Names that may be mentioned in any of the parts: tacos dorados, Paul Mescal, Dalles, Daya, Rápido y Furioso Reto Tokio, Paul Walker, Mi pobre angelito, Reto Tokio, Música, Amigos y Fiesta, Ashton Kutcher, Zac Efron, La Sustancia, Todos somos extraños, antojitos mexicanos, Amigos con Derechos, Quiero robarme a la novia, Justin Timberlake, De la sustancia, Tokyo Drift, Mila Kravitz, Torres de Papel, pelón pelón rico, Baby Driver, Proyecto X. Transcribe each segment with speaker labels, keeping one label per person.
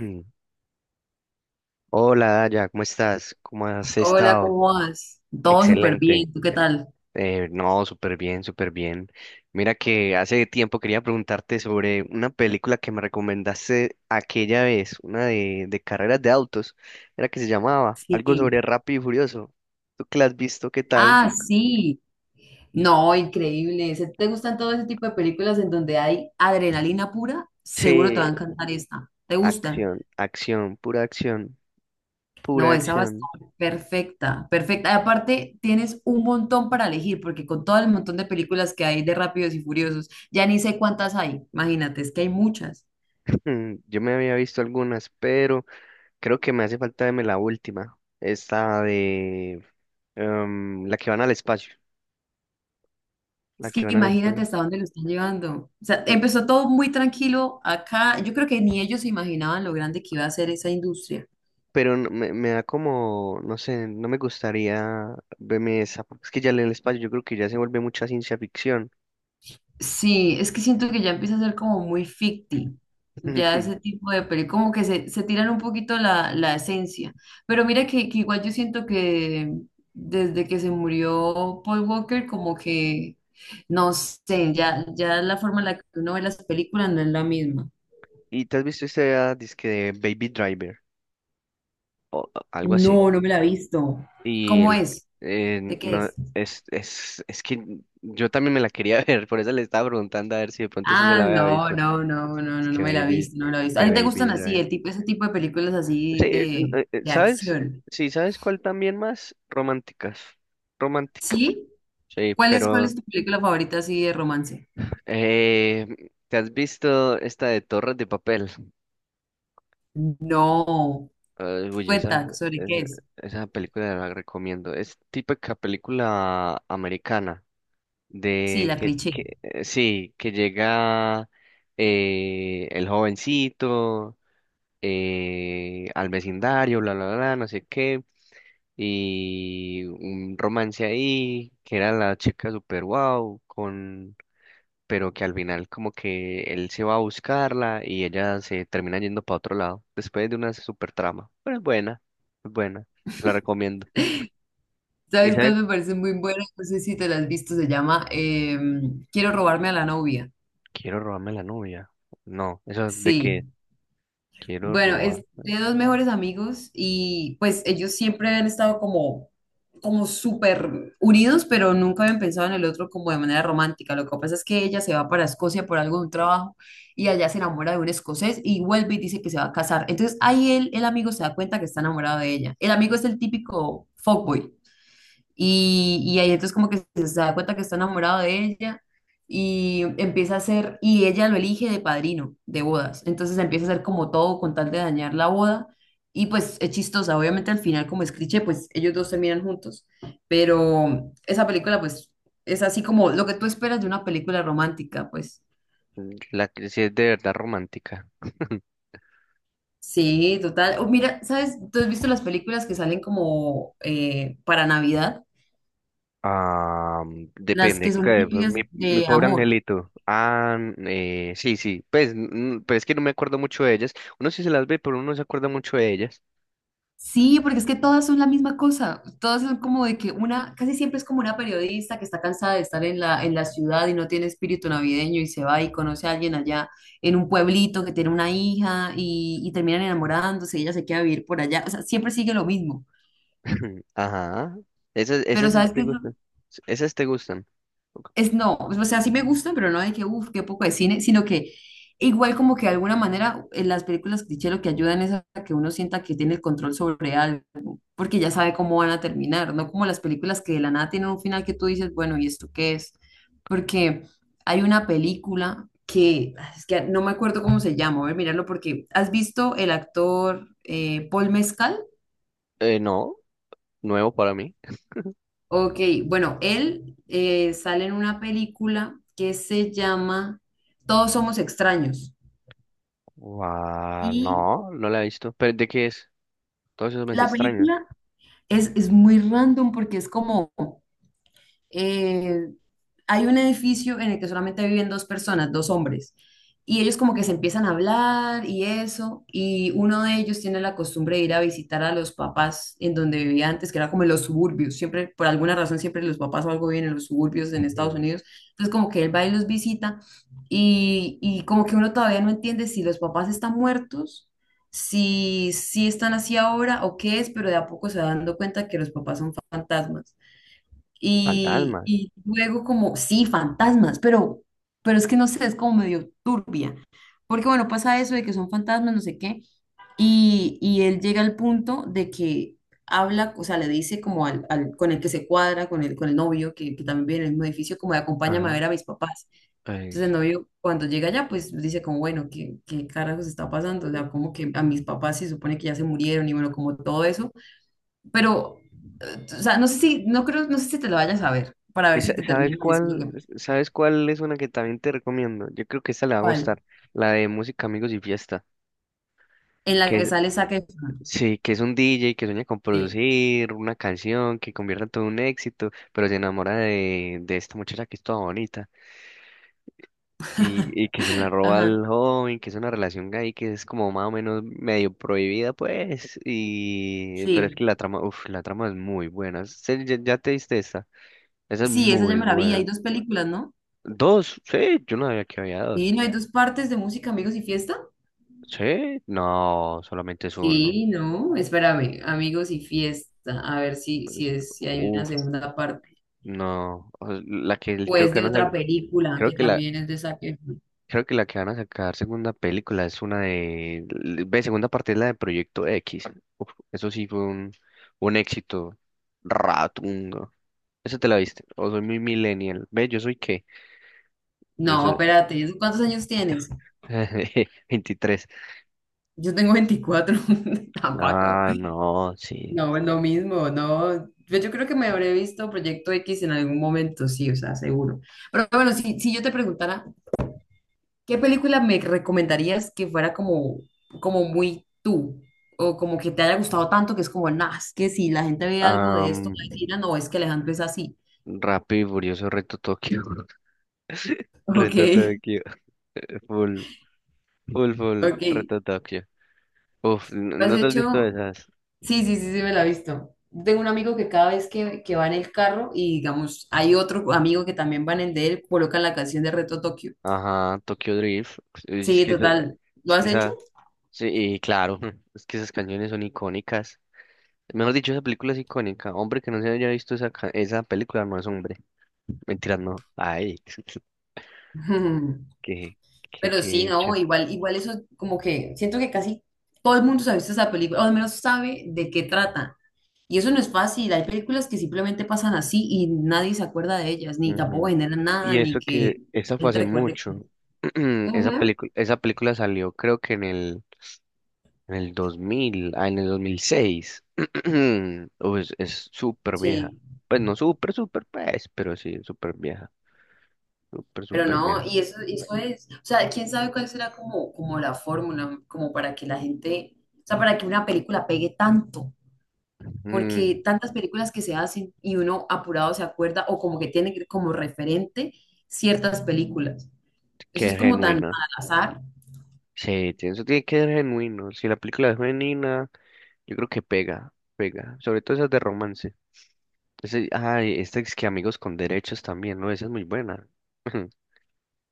Speaker 1: Mm. Hola, Daya, ¿cómo estás? ¿Cómo has
Speaker 2: Hola,
Speaker 1: estado?
Speaker 2: ¿cómo vas? Todo súper
Speaker 1: Excelente.
Speaker 2: bien, ¿tú qué tal?
Speaker 1: No, súper bien, súper bien. Mira que hace tiempo quería preguntarte sobre una película que me recomendaste aquella vez, una de carreras de autos, era que se llamaba algo
Speaker 2: Sí.
Speaker 1: sobre Rápido y Furioso. ¿Tú que la has visto? ¿Qué tal?
Speaker 2: Ah, sí. No, increíble. Si te gustan todo ese tipo de películas en donde hay adrenalina pura, seguro te va
Speaker 1: Sí.
Speaker 2: a encantar esta. ¿Te gustan?
Speaker 1: Acción, acción, pura acción, pura
Speaker 2: No, esa va a estar
Speaker 1: acción.
Speaker 2: perfecta, perfecta. Y aparte, tienes un montón para elegir, porque con todo el montón de películas que hay de Rápidos y Furiosos, ya ni sé cuántas hay. Imagínate, es que hay muchas.
Speaker 1: Yo me había visto algunas, pero creo que me hace falta verme la última, esta de... La que van al espacio. La
Speaker 2: Es
Speaker 1: que
Speaker 2: que
Speaker 1: van al
Speaker 2: imagínate
Speaker 1: espacio.
Speaker 2: hasta dónde lo están llevando. O sea,
Speaker 1: Mm,
Speaker 2: empezó todo muy tranquilo acá. Yo creo que ni ellos se imaginaban lo grande que iba a ser esa industria.
Speaker 1: Pero me da como, no sé, no me gustaría verme esa, porque es que ya en el espacio yo creo que ya se vuelve mucha ciencia ficción.
Speaker 2: Sí, es que siento que ya empieza a ser como muy ficti. Ya ese tipo de peli, como que se tiran un poquito la esencia. Pero mira que igual yo siento que desde que se murió Paul Walker, como que, no sé, ya la forma en la que uno ve las películas no es la misma.
Speaker 1: ¿Y te has visto esta disque de Baby Driver o algo
Speaker 2: No,
Speaker 1: así?
Speaker 2: no me la he visto.
Speaker 1: Y
Speaker 2: ¿Cómo
Speaker 1: el,
Speaker 2: es? ¿De qué
Speaker 1: no,
Speaker 2: es?
Speaker 1: es que yo también me la quería ver, por eso le estaba preguntando a ver si de pronto usted se
Speaker 2: Ah,
Speaker 1: la había
Speaker 2: no,
Speaker 1: visto.
Speaker 2: no, no, no,
Speaker 1: Es
Speaker 2: no, no
Speaker 1: que
Speaker 2: me la he visto, no me la he visto. ¿A ti te gustan
Speaker 1: Baby
Speaker 2: así,
Speaker 1: Driver.
Speaker 2: el tipo, ese tipo de películas
Speaker 1: Sí,
Speaker 2: así de, de
Speaker 1: ¿sabes?
Speaker 2: acción?
Speaker 1: Sí, ¿sabes cuál también más? Románticas. Romántica.
Speaker 2: ¿Sí?
Speaker 1: Sí,
Speaker 2: Cuál es
Speaker 1: pero
Speaker 2: tu película favorita así de romance?
Speaker 1: eh, ¿te has visto esta de Torres de Papel?
Speaker 2: No.
Speaker 1: Ay, uy,
Speaker 2: Cuenta, ¿sobre qué
Speaker 1: esa,
Speaker 2: es?
Speaker 1: esa película la recomiendo. Es típica película americana
Speaker 2: Sí,
Speaker 1: de
Speaker 2: la
Speaker 1: que,
Speaker 2: cliché.
Speaker 1: que eh, sí, que llega el jovencito al vecindario, bla, bla, bla, no sé qué. Y un romance ahí, que era la chica super wow, con, pero que al final como que él se va a buscarla y ella se termina yendo para otro lado, después de una super trama. Pero es buena, se la recomiendo. Y
Speaker 2: ¿Sabes
Speaker 1: sabe,
Speaker 2: cuál me parece muy buena? No sé si te la has visto, se llama Quiero robarme a la novia.
Speaker 1: quiero robarme la novia. No, eso de
Speaker 2: Sí.
Speaker 1: que quiero
Speaker 2: Bueno,
Speaker 1: robar.
Speaker 2: es de dos mejores amigos y pues ellos siempre han estado como, como súper unidos, pero nunca habían pensado en el otro como de manera romántica. Lo que pasa es que ella se va para Escocia por algo de un trabajo y allá se enamora de un escocés y vuelve y dice que se va a casar. Entonces ahí él, el amigo se da cuenta que está enamorado de ella. El amigo es el típico fuckboy. Y ahí entonces como que se da cuenta que está enamorado de ella y empieza a hacer, y ella lo elige de padrino de bodas. Entonces empieza a hacer como todo con tal de dañar la boda. Y pues es chistosa, obviamente al final como es cliché, pues ellos dos terminan juntos. Pero esa película pues es así como lo que tú esperas de una película romántica, pues.
Speaker 1: La que sí es de verdad romántica.
Speaker 2: Sí, total. Oh, mira, ¿sabes? ¿Tú has visto las películas que salen como para Navidad?
Speaker 1: Ah,
Speaker 2: Las que
Speaker 1: depende.
Speaker 2: son típicas
Speaker 1: Mi, mi
Speaker 2: de
Speaker 1: pobre
Speaker 2: amor.
Speaker 1: angelito. Sí, sí. Pues, pero es que no me acuerdo mucho de ellas. Uno sí se las ve, pero uno no se acuerda mucho de ellas.
Speaker 2: Sí, porque es que todas son la misma cosa. Todas son como de que una, casi siempre es como una periodista que está cansada de estar en la ciudad y no tiene espíritu navideño y se va y conoce a alguien allá en un pueblito que tiene una hija y terminan enamorándose y ella se queda a vivir por allá. O sea, siempre sigue lo mismo.
Speaker 1: Ajá. Esas,
Speaker 2: Pero
Speaker 1: esas sí
Speaker 2: ¿sabes
Speaker 1: te
Speaker 2: qué?
Speaker 1: gustan. Esas te gustan.
Speaker 2: Es no, o sea, sí me gustan, pero no de que, uff, qué poco de cine, sino que igual como que de alguna manera en las películas cliché lo que ayudan es a que uno sienta que tiene el control sobre algo, porque ya sabe cómo van a terminar, no como las películas que de la nada tienen un final que tú dices, bueno, ¿y esto qué es? Porque hay una película que, es que no me acuerdo cómo se llama, voy a ver, mirarlo porque, ¿has visto el actor Paul Mescal?
Speaker 1: No, nuevo para mí.
Speaker 2: Ok, bueno, él sale en una película que se llama Todos somos extraños.
Speaker 1: Guau, no,
Speaker 2: Y
Speaker 1: no la he visto. ¿Pero de qué es? Todo eso me es
Speaker 2: la
Speaker 1: extraño.
Speaker 2: película es muy random porque es como, eh, hay un edificio en el que solamente viven dos personas, dos hombres, y ellos como que se empiezan a hablar y eso, y uno de ellos tiene la costumbre de ir a visitar a los papás en donde vivía antes, que era como en los suburbios, siempre, por alguna razón, siempre los papás o algo viven en los suburbios en Estados
Speaker 1: Ujú.
Speaker 2: Unidos, entonces como que él va y los visita, y como que uno todavía no entiende si los papás están muertos. Si, si están así ahora o qué es, pero de a poco se va dando cuenta que los papás son fantasmas. Y,
Speaker 1: Fantasma.
Speaker 2: y luego como, sí, fantasmas, pero es que no sé, es como medio turbia. Porque bueno, pasa eso de que son fantasmas, no sé qué. Y él llega al punto de que habla, o sea, le dice como al, al- con el que se cuadra, con el novio, que también vive en el mismo edificio, como de acompáñame a
Speaker 1: Ajá.
Speaker 2: ver a mis papás. Entonces el novio cuando llega allá, pues dice como, bueno, ¿qué, qué carajos está pasando? O sea, como que a mis papás se supone que ya se murieron y bueno, como todo eso. Pero, o sea, no sé si, no creo, no sé si te lo vayas a ver, para ver si te
Speaker 1: ¿Sabes
Speaker 2: termino de decir lo
Speaker 1: cuál?
Speaker 2: que pasa.
Speaker 1: ¿Sabes cuál es una que también te recomiendo? Yo creo que esta le va a gustar,
Speaker 2: ¿Cuál?
Speaker 1: la de Música, Amigos y Fiesta,
Speaker 2: En la que
Speaker 1: que
Speaker 2: sale Zac Efron.
Speaker 1: sí, que es un DJ que sueña con
Speaker 2: Sí.
Speaker 1: producir una canción que convierta todo en un éxito, pero se enamora de esta muchacha que es toda bonita y que se la roba
Speaker 2: Ajá,
Speaker 1: al joven, que es una relación gay que es como más o menos medio prohibida, pues, y pero es que
Speaker 2: sí.
Speaker 1: la trama, uff, la trama es muy buena. Ya te diste esta, esa es
Speaker 2: Sí, esa ya
Speaker 1: muy
Speaker 2: me la vi. Hay
Speaker 1: buena.
Speaker 2: dos películas, ¿no?
Speaker 1: Dos, sí, yo no sabía que había
Speaker 2: Sí,
Speaker 1: dos.
Speaker 2: ¿no hay dos partes de música, amigos y fiesta?
Speaker 1: Sí, no, solamente es uno.
Speaker 2: Sí, no, espérame, amigos y fiesta. A ver si, si
Speaker 1: Es-
Speaker 2: es, si hay una
Speaker 1: Uf,
Speaker 2: segunda parte.
Speaker 1: no. O sea, La que el- creo
Speaker 2: Pues
Speaker 1: que
Speaker 2: de
Speaker 1: van a sa-
Speaker 2: otra película
Speaker 1: creo
Speaker 2: que
Speaker 1: que la
Speaker 2: también es de Zac Efron.
Speaker 1: creo que la que van a sacar segunda película es una de ve, segunda parte es la de Proyecto X. Uf, eso sí fue un éxito ratungo. ¿Esa te la viste? O soy muy millennial. Ve, ¿yo soy qué? Yo
Speaker 2: No,
Speaker 1: soy
Speaker 2: espérate, ¿cuántos años tienes?
Speaker 1: veintitrés.
Speaker 2: Yo tengo 24 tampoco.
Speaker 1: Ah, no, sí.
Speaker 2: No, es lo mismo, no. Pues yo creo que me habré visto Proyecto X en algún momento, sí, o sea, seguro. Pero bueno, si, si yo te preguntara, ¿qué película me recomendarías que fuera como, como muy tú? O como que te haya gustado tanto que es como, nah, es que si la gente ve algo de esto, va a
Speaker 1: Um,
Speaker 2: decir, "Ah, no, es que Alejandro es así".
Speaker 1: Rápido y Furioso Reto Tokio. Reto
Speaker 2: Ok,
Speaker 1: Tokio. Full, full, full.
Speaker 2: ok.
Speaker 1: Reto Tokio.
Speaker 2: ¿Lo has
Speaker 1: ¿No te has visto
Speaker 2: hecho?
Speaker 1: esas?
Speaker 2: Sí, sí, sí, sí, me la he visto. Tengo un amigo que cada vez que va en el carro y digamos, hay otro amigo que también va en el de él, colocan la canción de Reto Tokio.
Speaker 1: Ajá, Tokyo Drift. Uy,
Speaker 2: Sí, total. ¿Lo
Speaker 1: es que
Speaker 2: has hecho?
Speaker 1: esa, sí, y claro, es que esas canciones son icónicas. Mejor dicho, esa película es icónica. Hombre que no se haya visto esa, esa película no es hombre. Mentira, no. Ay, qué,
Speaker 2: Pero sí,
Speaker 1: qué hecho.
Speaker 2: no, igual, igual eso como que siento que casi todo el mundo se ha visto esa película, o al menos sabe de qué trata. Y eso no es fácil. Hay películas que simplemente pasan así y nadie se acuerda de ellas, ni tampoco
Speaker 1: Ujú.
Speaker 2: generan nada,
Speaker 1: Y
Speaker 2: ni
Speaker 1: eso
Speaker 2: que
Speaker 1: que, esa
Speaker 2: la
Speaker 1: fue
Speaker 2: gente
Speaker 1: hace
Speaker 2: recuerde. Que-
Speaker 1: mucho.
Speaker 2: Ujú,
Speaker 1: Esa película salió creo que en el en el 2006. Uy, es súper vieja.
Speaker 2: sí,
Speaker 1: Pues no súper, súper, pues, pero sí, súper vieja. Súper,
Speaker 2: pero
Speaker 1: súper
Speaker 2: no,
Speaker 1: vieja.
Speaker 2: y eso es, o sea, quién sabe cuál será como, como la fórmula, como para que la gente, o sea, para que una película pegue tanto.
Speaker 1: Mm,
Speaker 2: Porque tantas películas que se hacen y uno apurado se acuerda o como que tiene que- como referente ciertas películas. Eso es
Speaker 1: qué
Speaker 2: como tan al
Speaker 1: genuina.
Speaker 2: azar.
Speaker 1: Sí, eso tiene que ser genuino. Si la película es genuina, yo creo que pega, pega. Sobre todo esas de romance. Ay, esta es que Amigos con Derechos también, ¿no? Esa es muy buena.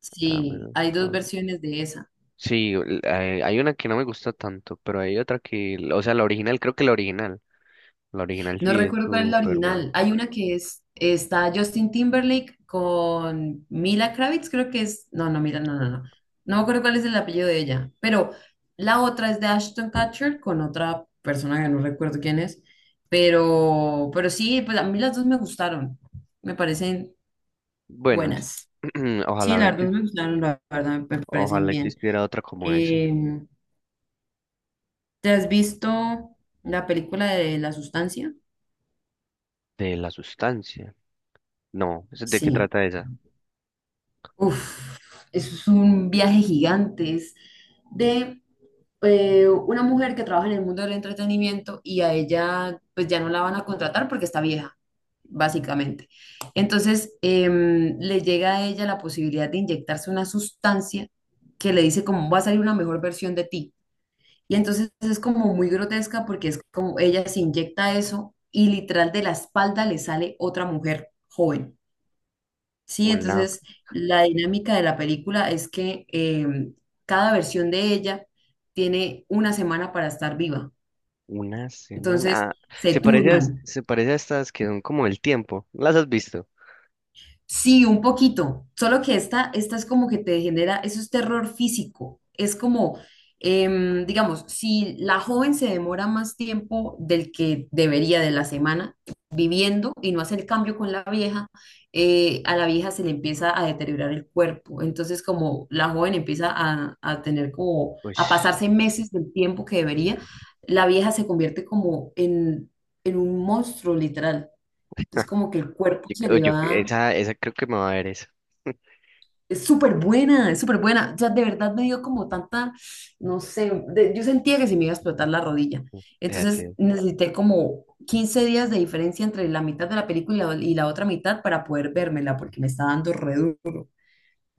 Speaker 2: Sí,
Speaker 1: Amigos
Speaker 2: hay dos
Speaker 1: con-
Speaker 2: versiones de esa.
Speaker 1: Sí, hay hay una que no me gusta tanto, pero hay otra que, o sea, la original, creo que la original. La original
Speaker 2: No
Speaker 1: sí es
Speaker 2: recuerdo cuál es la
Speaker 1: súper buena.
Speaker 2: original. Hay una que es, está Justin Timberlake con Mila Kravitz, creo que es, no, no, Mila, no, no, no. No me acuerdo cuál es el apellido de ella, pero la otra es de Ashton Kutcher con otra persona que no recuerdo quién es, pero sí, pues a mí las dos me gustaron. Me parecen
Speaker 1: Buenas.
Speaker 2: buenas. Sí,
Speaker 1: Ojalá,
Speaker 2: las dos
Speaker 1: exis-
Speaker 2: me gustaron, la verdad, me parecen
Speaker 1: ojalá
Speaker 2: bien.
Speaker 1: existiera otra como esa.
Speaker 2: Eh, ¿Te has visto la película de La Sustancia?
Speaker 1: De la sustancia. No, ¿eso de qué
Speaker 2: Sí.
Speaker 1: trata esa?
Speaker 2: Uf, eso es un viaje gigante. Es de una mujer que trabaja en el mundo del entretenimiento y a ella pues ya no la van a contratar porque está vieja, básicamente. Entonces le llega a ella la posibilidad de inyectarse una sustancia que le dice como va a salir una mejor versión de ti. Y entonces es como muy grotesca porque es como ella se inyecta eso y literal de la espalda le sale otra mujer joven. Sí,
Speaker 1: Una,
Speaker 2: entonces la dinámica de la película es que cada versión de ella tiene una semana para estar viva.
Speaker 1: una semana.
Speaker 2: Entonces
Speaker 1: Ah,
Speaker 2: se turnan.
Speaker 1: se parece a estas que son como el tiempo. ¿Las has visto?
Speaker 2: Sí, un poquito. Solo que esta es como que te genera, eso es terror físico. Es como, digamos, si la joven se demora más tiempo del que debería de la semana viviendo y no hace el cambio con la vieja, a la vieja se le empieza a deteriorar el cuerpo. Entonces, como la joven empieza a tener como,
Speaker 1: Uy,
Speaker 2: a pasarse meses del tiempo que debería, la vieja se convierte como en un monstruo literal. Entonces, como que el cuerpo
Speaker 1: yo,
Speaker 2: se
Speaker 1: creo-
Speaker 2: le
Speaker 1: yo-
Speaker 2: va.
Speaker 1: esa creo que me va a ver esa.
Speaker 2: Es súper buena, es súper buena. O sea, de verdad me dio como tanta, no sé, de- yo sentía que se me iba a explotar la rodilla.
Speaker 1: Esa
Speaker 2: Entonces
Speaker 1: sí,
Speaker 2: necesité como 15 días de diferencia entre la mitad de la película y la otra mitad para poder vérmela, porque me está dando re duro.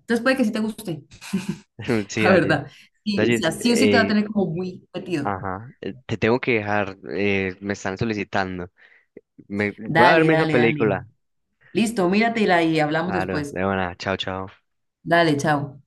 Speaker 2: Entonces puede que sí te guste,
Speaker 1: sí,
Speaker 2: la
Speaker 1: Dalles.
Speaker 2: verdad. Sí, o sea,
Speaker 1: Dalles,
Speaker 2: sí o sí te va a tener como muy metido.
Speaker 1: ajá. Te tengo que dejar. Me están solicitando. Me, voy a
Speaker 2: Dale,
Speaker 1: verme esa
Speaker 2: dale, dale.
Speaker 1: película.
Speaker 2: Listo, míratela y hablamos
Speaker 1: Claro,
Speaker 2: después.
Speaker 1: de buena. Chao, chao.
Speaker 2: Dale, chao.